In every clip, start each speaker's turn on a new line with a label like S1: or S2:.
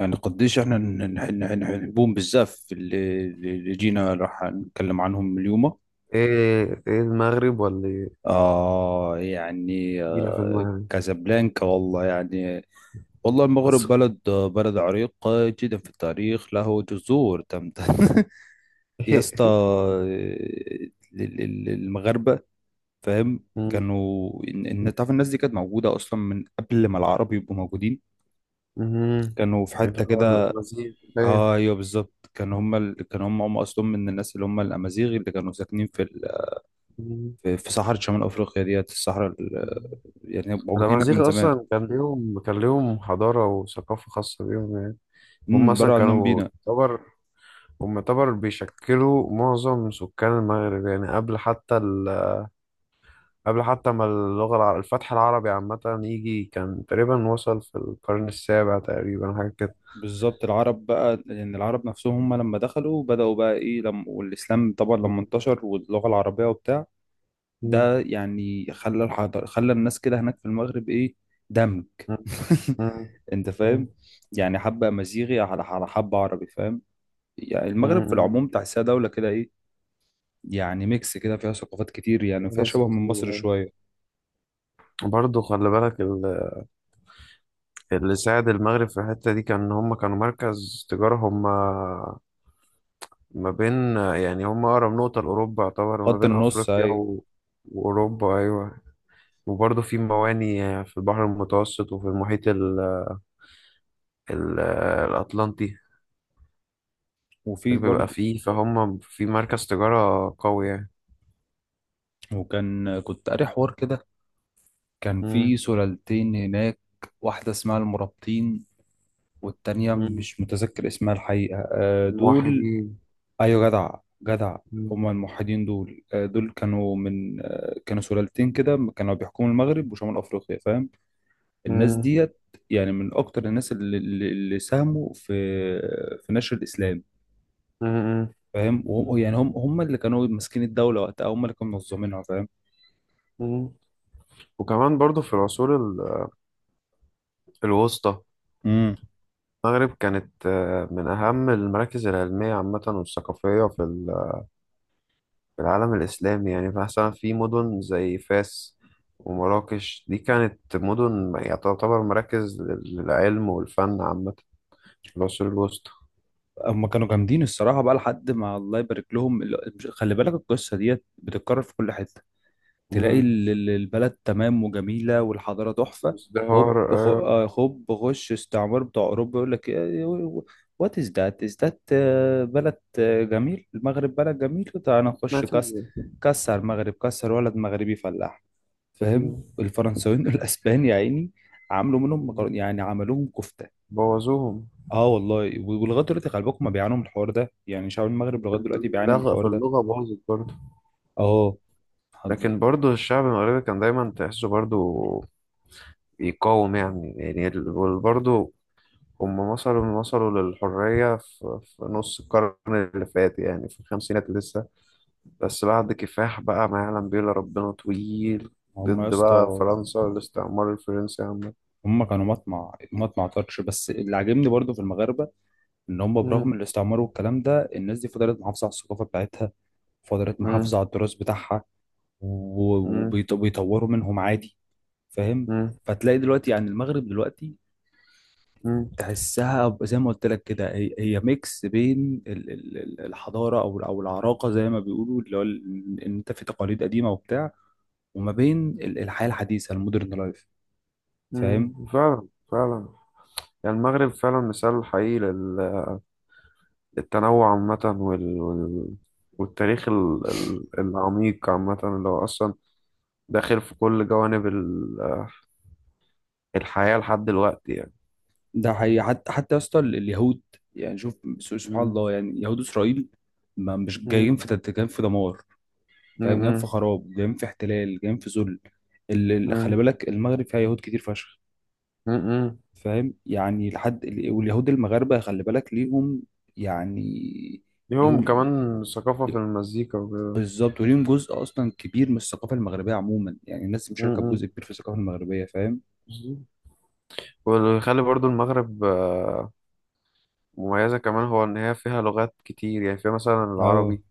S1: يعني قديش احنا نحبهم بزاف اللي جينا راح نتكلم عنهم اليوم.
S2: ايه، ايه، المغرب ولا ايه؟
S1: آه يعني
S2: جينا في
S1: آه
S2: المغرب
S1: كازابلانكا، والله يعني والله المغرب
S2: بس.
S1: بلد عريق جدا في التاريخ، له جذور تمتد. يا اسطى
S2: إيه.
S1: المغاربة، فاهم؟
S2: مم.
S1: كانوا تعرف الناس دي كانت موجودة اصلا من قبل ما العرب يبقوا موجودين،
S2: مم.
S1: كانوا في
S2: اللي
S1: حتة
S2: هو
S1: كده.
S2: الأمازيغ. ايه.
S1: اه ايوه بالظبط، كان هم اصلهم من الناس اللي هم الامازيغ، اللي كانوا ساكنين
S2: مم.
S1: في صحراء شمال افريقيا ديت،
S2: مم.
S1: يعني موجودين هناك من
S2: الأمازيغ
S1: زمان.
S2: أصلا كان ليهم، كان ليهم حضارة وثقافة خاصة بيهم يعني. هم
S1: امم،
S2: أصلا
S1: بره عنهم
S2: كانوا
S1: بينا.
S2: يعتبر، هم يعتبر بيشكلوا معظم سكان المغرب يعني قبل حتى قبل حتى ما اللغة الفتح العربي عامة يجي، كان تقريبا وصل في القرن السابع تقريبا حاجة كده.
S1: بالظبط، العرب بقى لان يعني العرب نفسهم هم لما دخلوا بداوا بقى ايه لما، والاسلام طبعا
S2: مم.
S1: لما انتشر واللغه العربيه وبتاع
S2: مم.
S1: ده، يعني خلى الحضر، خلى الناس كده هناك في المغرب ايه، دمج.
S2: مم.
S1: انت
S2: مم.
S1: فاهم؟ يعني حبه امازيغي على حبه عربي، فاهم؟ يعني المغرب في
S2: امم.
S1: العموم تحسها دوله كده ايه، يعني ميكس كده فيها ثقافات كتير يعني، وفيها
S2: ناس
S1: شبه من مصر
S2: لذيذة.
S1: شوية.
S2: برضه خلي بالك اللي ساعد المغرب في الحتة دي كان إن هم كانوا مركز تجارة هم، ما بين يعني هم أقرب نقطة لأوروبا يعتبر، ما
S1: خط
S2: بين
S1: النص،
S2: أفريقيا
S1: أيوة.
S2: وأوروبا. أيوة. وبرضه في مواني في البحر المتوسط وفي المحيط ال... الأطلنطي.
S1: وفي
S2: بيبقى
S1: برضه،
S2: فيه فهم في مركز تجارة قوي يعني.
S1: وكان كنت قاري حوار كده، كان في
S2: مم.
S1: سلالتين هناك. واحدة اسمها المرابطين، والتانية
S2: مم.
S1: مش متذكر اسمها الحقيقة، آه، دول.
S2: الموحدين.
S1: أيوة جدع، جدع.
S2: مم.
S1: هما الموحدين دول، آه، دول كانوا من، آه، كانوا سلالتين كده، كانوا بيحكموا المغرب وشمال أفريقيا، فاهم؟ الناس
S2: مم.
S1: ديت يعني من أكتر الناس اللي ساهموا في في نشر الإسلام،
S2: مم.
S1: فاهم؟ يعني هم اللي كانوا ماسكين الدوله وقتها، هم اللي كانوا منظمينها، فاهم؟
S2: مم. وكمان برضو في العصور الوسطى
S1: امم.
S2: المغرب كانت، من أهم المراكز العلمية عامة والثقافية في في العالم الإسلامي يعني، مثلا في مدن زي فاس ومراكش دي كانت مدن يعني تعتبر مراكز للعلم والفن عامة في العصور الوسطى.
S1: هم كانوا جامدين الصراحه بقى لحد ما الله يبارك لهم خلي بالك، القصه ديت بتتكرر في كل حته. تلاقي
S2: مم.
S1: البلد تمام وجميله والحضاره تحفه،
S2: ازدهار.
S1: هوب خ-
S2: آه،
S1: آه، هوب غش استعمار بتاع اوروبا يقول لك، وات از ذات از ذات. بلد، آه، جميل، المغرب بلد جميل، تعالى نخش كاس.
S2: نتيجة.
S1: كسر المغرب، كسر ولد مغربي فلاح، فاهم؟
S2: مم.
S1: الفرنساويين والاسبان يا عيني عملوا منهم مكرونه،
S2: مم.
S1: يعني عملوهم كفته.
S2: بوظوهم.
S1: اه والله. ولغايه دلوقتي خلي بالكم بيعانوا من الحوار ده، يعني شعب المغرب لغايه دلوقتي بيعاني من
S2: لغة، في
S1: الحوار ده.
S2: اللغة باظت برضه.
S1: اه. حض-
S2: لكن برضه الشعب المغربي كان دايما تحسه برضه يقاوم يعني، يعني برضه هم وصلوا، وصلوا للحرية في, في نص القرن اللي فات يعني، في الخمسينات لسه، بس بعد كفاح بقى ما يعلم بيه إلا ربنا طويل
S1: هم يا
S2: ضد
S1: اسطى،
S2: بقى فرنسا والاستعمار الفرنسي عامة.
S1: هم كانوا مطمع، طرش. بس اللي عاجبني برضو في المغاربه ان هم برغم
S2: مم،
S1: الاستعمار والكلام ده، الناس دي فضلت محافظه على الثقافه بتاعتها، فضلت
S2: مم،
S1: محافظه على التراث بتاعها،
S2: مم،
S1: وبيطوروا منهم عادي، فاهم؟
S2: مم،
S1: فتلاقي دلوقتي يعني المغرب دلوقتي
S2: مم،
S1: زي ما قلت لك كده، هي ميكس بين الحضاره او العراقه زي ما بيقولوا، اللي هو ان انت في تقاليد قديمه وبتاع، وما بين الحياه الحديثه، المودرن لايف، فاهم؟
S2: مم. فعلا، فعلا. يعني المغرب فعلا مثال حقيقي للتنوع عامة والتاريخ العميق عامة، اللي هو أصلا داخل في كل جوانب الحياة لحد دلوقتي يعني.
S1: ده حقيقي، حتى يا اسطى اليهود، يعني شوف، سبحان
S2: مم،
S1: الله، يعني يهود اسرائيل ما مش
S2: مم.
S1: جايين في دمار،
S2: م-
S1: فاهم؟ جايين في
S2: م-
S1: خراب، جايين في احتلال، جايين في ذل. خلي
S2: م-
S1: بالك، المغرب فيها يهود كتير فشخ،
S2: م- م.
S1: فاهم؟ يعني لحد واليهود المغاربة خلي بالك، ليهم يعني،
S2: ليهم
S1: ليهم.
S2: كمان ثقافة في المزيكا وكده.
S1: بالظبط، وليهم جزء أصلا كبير من الثقافة المغربية عموما، يعني الناس
S2: م-
S1: مشاركة
S2: م.
S1: بجزء كبير في الثقافة المغربية، فاهم؟
S2: بالظبط. واللي يخلي برضو المغرب، مميزة كمان، هو إن هي فيها لغات كتير، يعني فيها مثلا
S1: اه
S2: العربي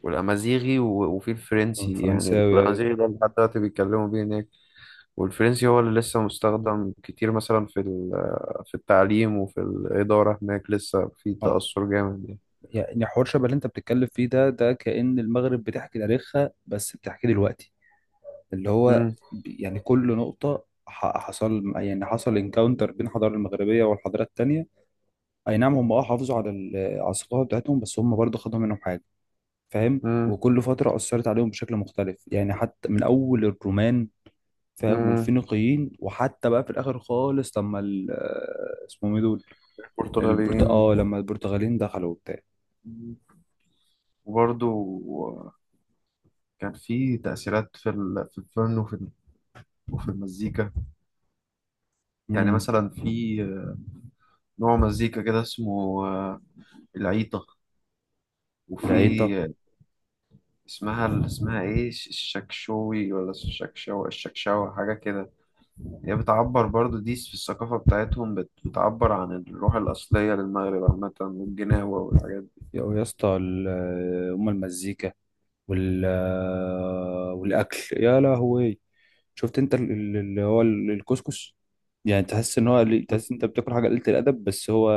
S2: والأمازيغي وفي الفرنسي. يعني
S1: الفرنساوي، أيوة.
S2: الأمازيغي ده لحد دلوقتي بيتكلموا بيه هناك، والفرنسي هو اللي لسه مستخدم كتير مثلا في في التعليم وفي الإدارة، هناك لسه في
S1: آه.
S2: تأثر جامد يعني.
S1: يعني حوار شبه اللي أنت بتتكلم فيه ده، ده كأن المغرب بتحكي تاريخها، بس بتحكي دلوقتي، اللي هو
S2: م-
S1: يعني كل نقطة حصل انكاونتر بين الحضارة المغربية والحضارات التانية. أي نعم هم أه حافظوا على على الثقافة بتاعتهم، بس هم برضه خدوا منهم حاجة، فاهم؟
S2: م-
S1: وكل فترة أثرت عليهم بشكل مختلف، يعني حتى من أول الرومان، فاهم؟
S2: م.
S1: والفينيقيين، وحتى بقى في الآخر خالص لما اسمهم إيه دول، البرت
S2: البرتغاليين.
S1: آه لما البرتغاليين دخلوا وبتاع.
S2: وبرضو كان في تأثيرات في في الفن وفي وفي المزيكا. يعني
S1: امم،
S2: مثلا في، نوع مزيكا كده اسمه، العيطة. وفي،
S1: العيطة.
S2: آه، اسمها، اسمها ايه الشكشوي ولا الشكشوى، الشكشوى حاجة كده. هي بتعبر برضو دي في الثقافة بتاعتهم، بتعبر عن الروح الأصلية للمغرب عامة، والجناوة والحاجات دي.
S1: يا يا اسطى أم المزيكا، والأكل، يا لهوي. شفت أنت الكسكس؟ يعني تحس إن هو، تحس إن أنت بتاكل حاجة قليلة الأدب، بس هو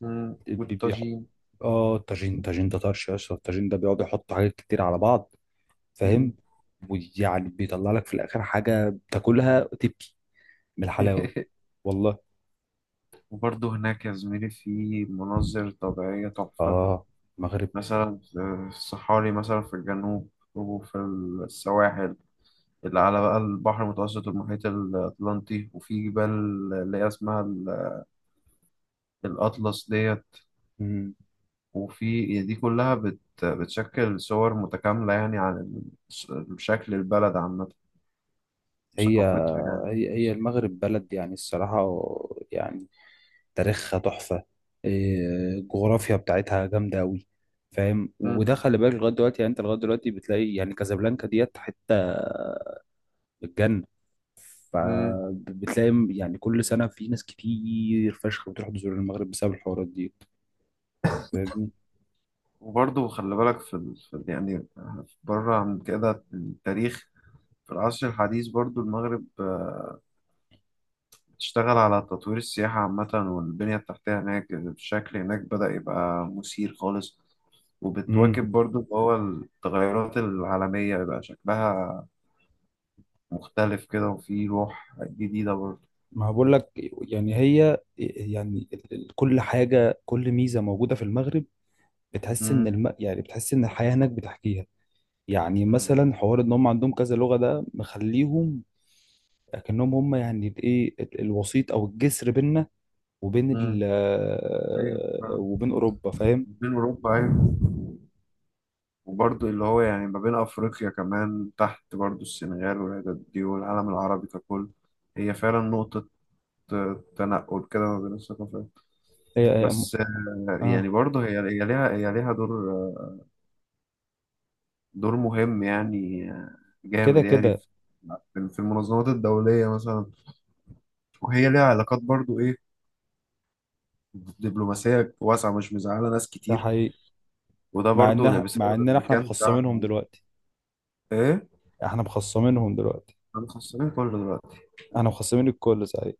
S2: مم.
S1: بي- بيح...
S2: والطاجين.
S1: اه الطاجين، الطاجين ده طرش يا اسطى، الطاجين ده بيقعد يحط حاجات كتير على بعض،
S2: مم.
S1: فاهم؟ ويعني بيطلع لك في الاخر حاجه بتاكلها تبكي من الحلاوه. والله.
S2: وبرضه هناك يا زميلي في مناظر طبيعية تحفة.
S1: اه، المغرب.
S2: مثلا في الصحاري مثلا في الجنوب، وفي السواحل اللي على بقى البحر المتوسط والمحيط الأطلنطي، وفي جبال اللي هي اسمها الأطلس ديت.
S1: مم.
S2: وفي دي كلها بت، بتشكل صور متكاملة يعني عن شكل البلد عامة
S1: هي
S2: وثقافتها يعني.
S1: هي المغرب بلد يعني الصراحه، يعني تاريخها تحفه، إيه، الجغرافيا بتاعتها جامده قوي، فاهم؟ وده
S2: مم.
S1: خلي بالك لغايه دلوقتي يعني، انت لغايه دلوقتي بتلاقي يعني كازابلانكا ديت حته الجنه،
S2: مم.
S1: فبتلاقي يعني كل سنة في ناس كتير فشخ بتروح تزور المغرب بسبب الحوارات دي، فاهمني؟
S2: وبرضه خلي بالك في, في يعني بره عن كده التاريخ، في العصر الحديث برضه المغرب تشتغل على تطوير السياحة عامة والبنية التحتية، هناك الشكل هناك بدأ يبقى مثير خالص.
S1: امم،
S2: وبتواكب برضو اللي هو التغيرات العالمية، يبقى شكلها مختلف كده وفي روح جديدة برضو.
S1: ما أنا بقول لك يعني، هي يعني كل حاجة، كل ميزة موجودة في المغرب،
S2: مم.
S1: يعني بتحس ان الحياة هناك بتحكيها. يعني
S2: مم.
S1: مثلا حوار ان هم عندهم كذا لغة ده مخليهم كأنهم هم يعني الايه الوسيط او الجسر بيننا وبين ال
S2: مم. أيوة
S1: آه،
S2: فعلا.
S1: وبين اوروبا، فاهم؟
S2: بين أوروبا أيوة. وبرضو اللي هو يعني ما بين أفريقيا كمان تحت برضو، السنغال والعدد دي، والعالم العربي ككل. هي فعلا نقطة، تنقل كده ما بين الثقافات
S1: هي هي-
S2: بس.
S1: اه.
S2: يعني برضه هي ليها، ليها دور، دور مهم يعني
S1: كده
S2: جامد يعني
S1: كده،
S2: في، في المنظمات الدولية مثلا، وهي ليها علاقات برضه إيه، دبلوماسية واسعة مش مزعلة ناس
S1: ده
S2: كتير.
S1: حقيقي.
S2: وده
S1: مع
S2: برضه يعني
S1: انها، مع
S2: بسبب
S1: اننا احنا
S2: المكان
S1: مخصمينهم
S2: بتاعها.
S1: دلوقتي،
S2: إيه؟
S1: احنا مخصمينهم دلوقتي،
S2: أنا خسران كله دلوقتي.
S1: احنا مخصمين الكل صحيح.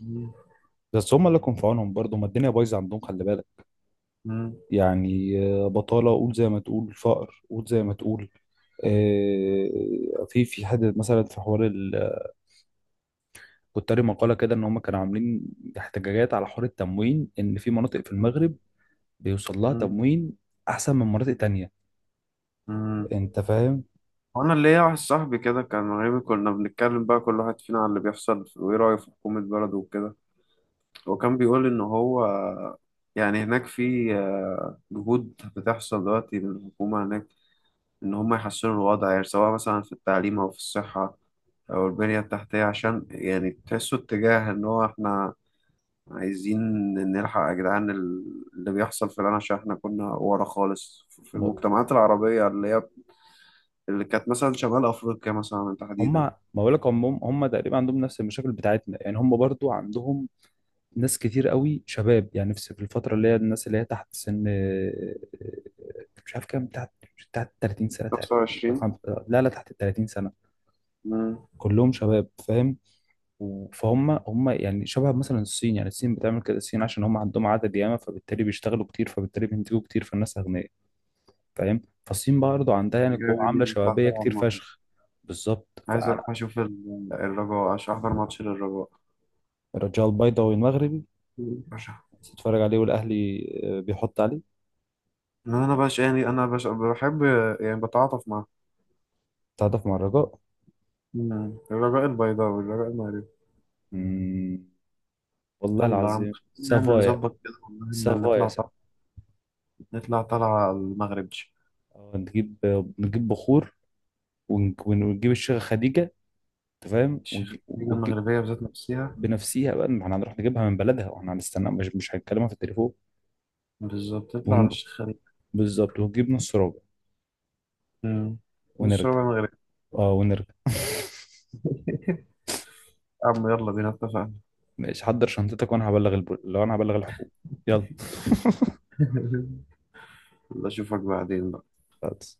S2: مم.
S1: بس هم اللي كون في عونهم برضه، ما الدنيا بايظه عندهم خلي بالك،
S2: مم.
S1: يعني آه، بطاله قول زي ما تقول، فقر قول زي ما تقول. آه، في حد مثلا في حوار كنت قاري مقاله كده ان هم كانوا عاملين احتجاجات على حوار التموين، ان في مناطق في المغرب بيوصل لها
S2: مم.
S1: تموين احسن من مناطق تانية.
S2: مم.
S1: انت فاهم؟
S2: وأنا اللي ليا واحد صاحبي كده كان مغربي، كنا بنتكلم بقى كل واحد فينا على اللي بيحصل وإيه رأيه في حكومة بلده وكده. وكان بيقول إن هو يعني هناك في، جهود بتحصل دلوقتي من الحكومة هناك، إن هم يحسنوا الوضع يعني سواء مثلا في التعليم أو في الصحة أو البنية التحتية، عشان يعني تحسوا اتجاه إن هو إحنا عايزين نلحق يا جدعان اللي بيحصل في العالم، عشان إحنا كنا ورا خالص في
S1: م-
S2: المجتمعات العربية اللي هي اللي كانت مثلا شمال أفريقيا مثلا
S1: هم
S2: تحديدا.
S1: ما بقول لك، هم تقريبا عندهم نفس المشاكل بتاعتنا، يعني هم برضو عندهم ناس كتير قوي شباب، يعني نفسي في الفترة اللي هي الناس اللي هي تحت سن آه، آه، مش عارف كام تحت، مش تحت 30 سنة تقريبا.
S2: 25.
S1: خم- لا تحت ال 30 سنة،
S2: مم.
S1: كلهم شباب، فاهم؟ فهم هم يعني شبه مثلا الصين، يعني الصين بتعمل كده، الصين عشان هم عندهم عدد ياما، فبالتالي بيشتغلوا كتير، فبالتالي بينتجوا كتير، فالناس أغنياء، فاهم؟ فالصين برضه عندها يعني قوة
S2: الرجال اللي
S1: عاملة
S2: بيطلع
S1: شبابية
S2: تلعب
S1: كتير
S2: معاهم.
S1: فشخ. بالظبط
S2: عايز
S1: فأنا،
S2: أروح أشوف الرجاء، عشان أحضر ماتش للرجاء.
S1: الرجاء البيضاوي المغربي،
S2: بشع.
S1: بتتفرج عليه والأهلي آه، بيحط عليه.
S2: انا بش يعني انا بش بحب يعني بتعاطف معاه.
S1: تعاطف مع الرجاء.
S2: مم. الرجاء البيضاوي، الرجاء المغربي.
S1: مم. والله
S2: يلا يا عم،
S1: العظيم
S2: نعمل
S1: سافايا.
S2: نظبط كده والله، إن
S1: سافايا
S2: نطلع
S1: س-
S2: طلع. نطلع طلعة على المغرب.
S1: اه نجيب، نجيب بخور، ونجيب الشيخة خديجة، انت فاهم؟
S2: الشيخ الخليج
S1: ونجيب
S2: المغربية بذات نفسها.
S1: بنفسيها بقى، ما احنا هنروح نجيبها من بلدها واحنا هنستنى، مش هنكلمها في التليفون.
S2: بالظبط، نطلع على
S1: ونج...
S2: الشيخ خليج.
S1: بالظبط، ونجيب نص ربع
S2: مم. نص
S1: ونرجع.
S2: ربع مغربي.
S1: اه ونرجع.
S2: يا عم يلا بينا، اتفقنا.
S1: ماشي، حضر شنطتك وانا لو انا هبلغ الحكومة، يلا.
S2: يلا اشوفك بعدين بقى.
S1: خلاص.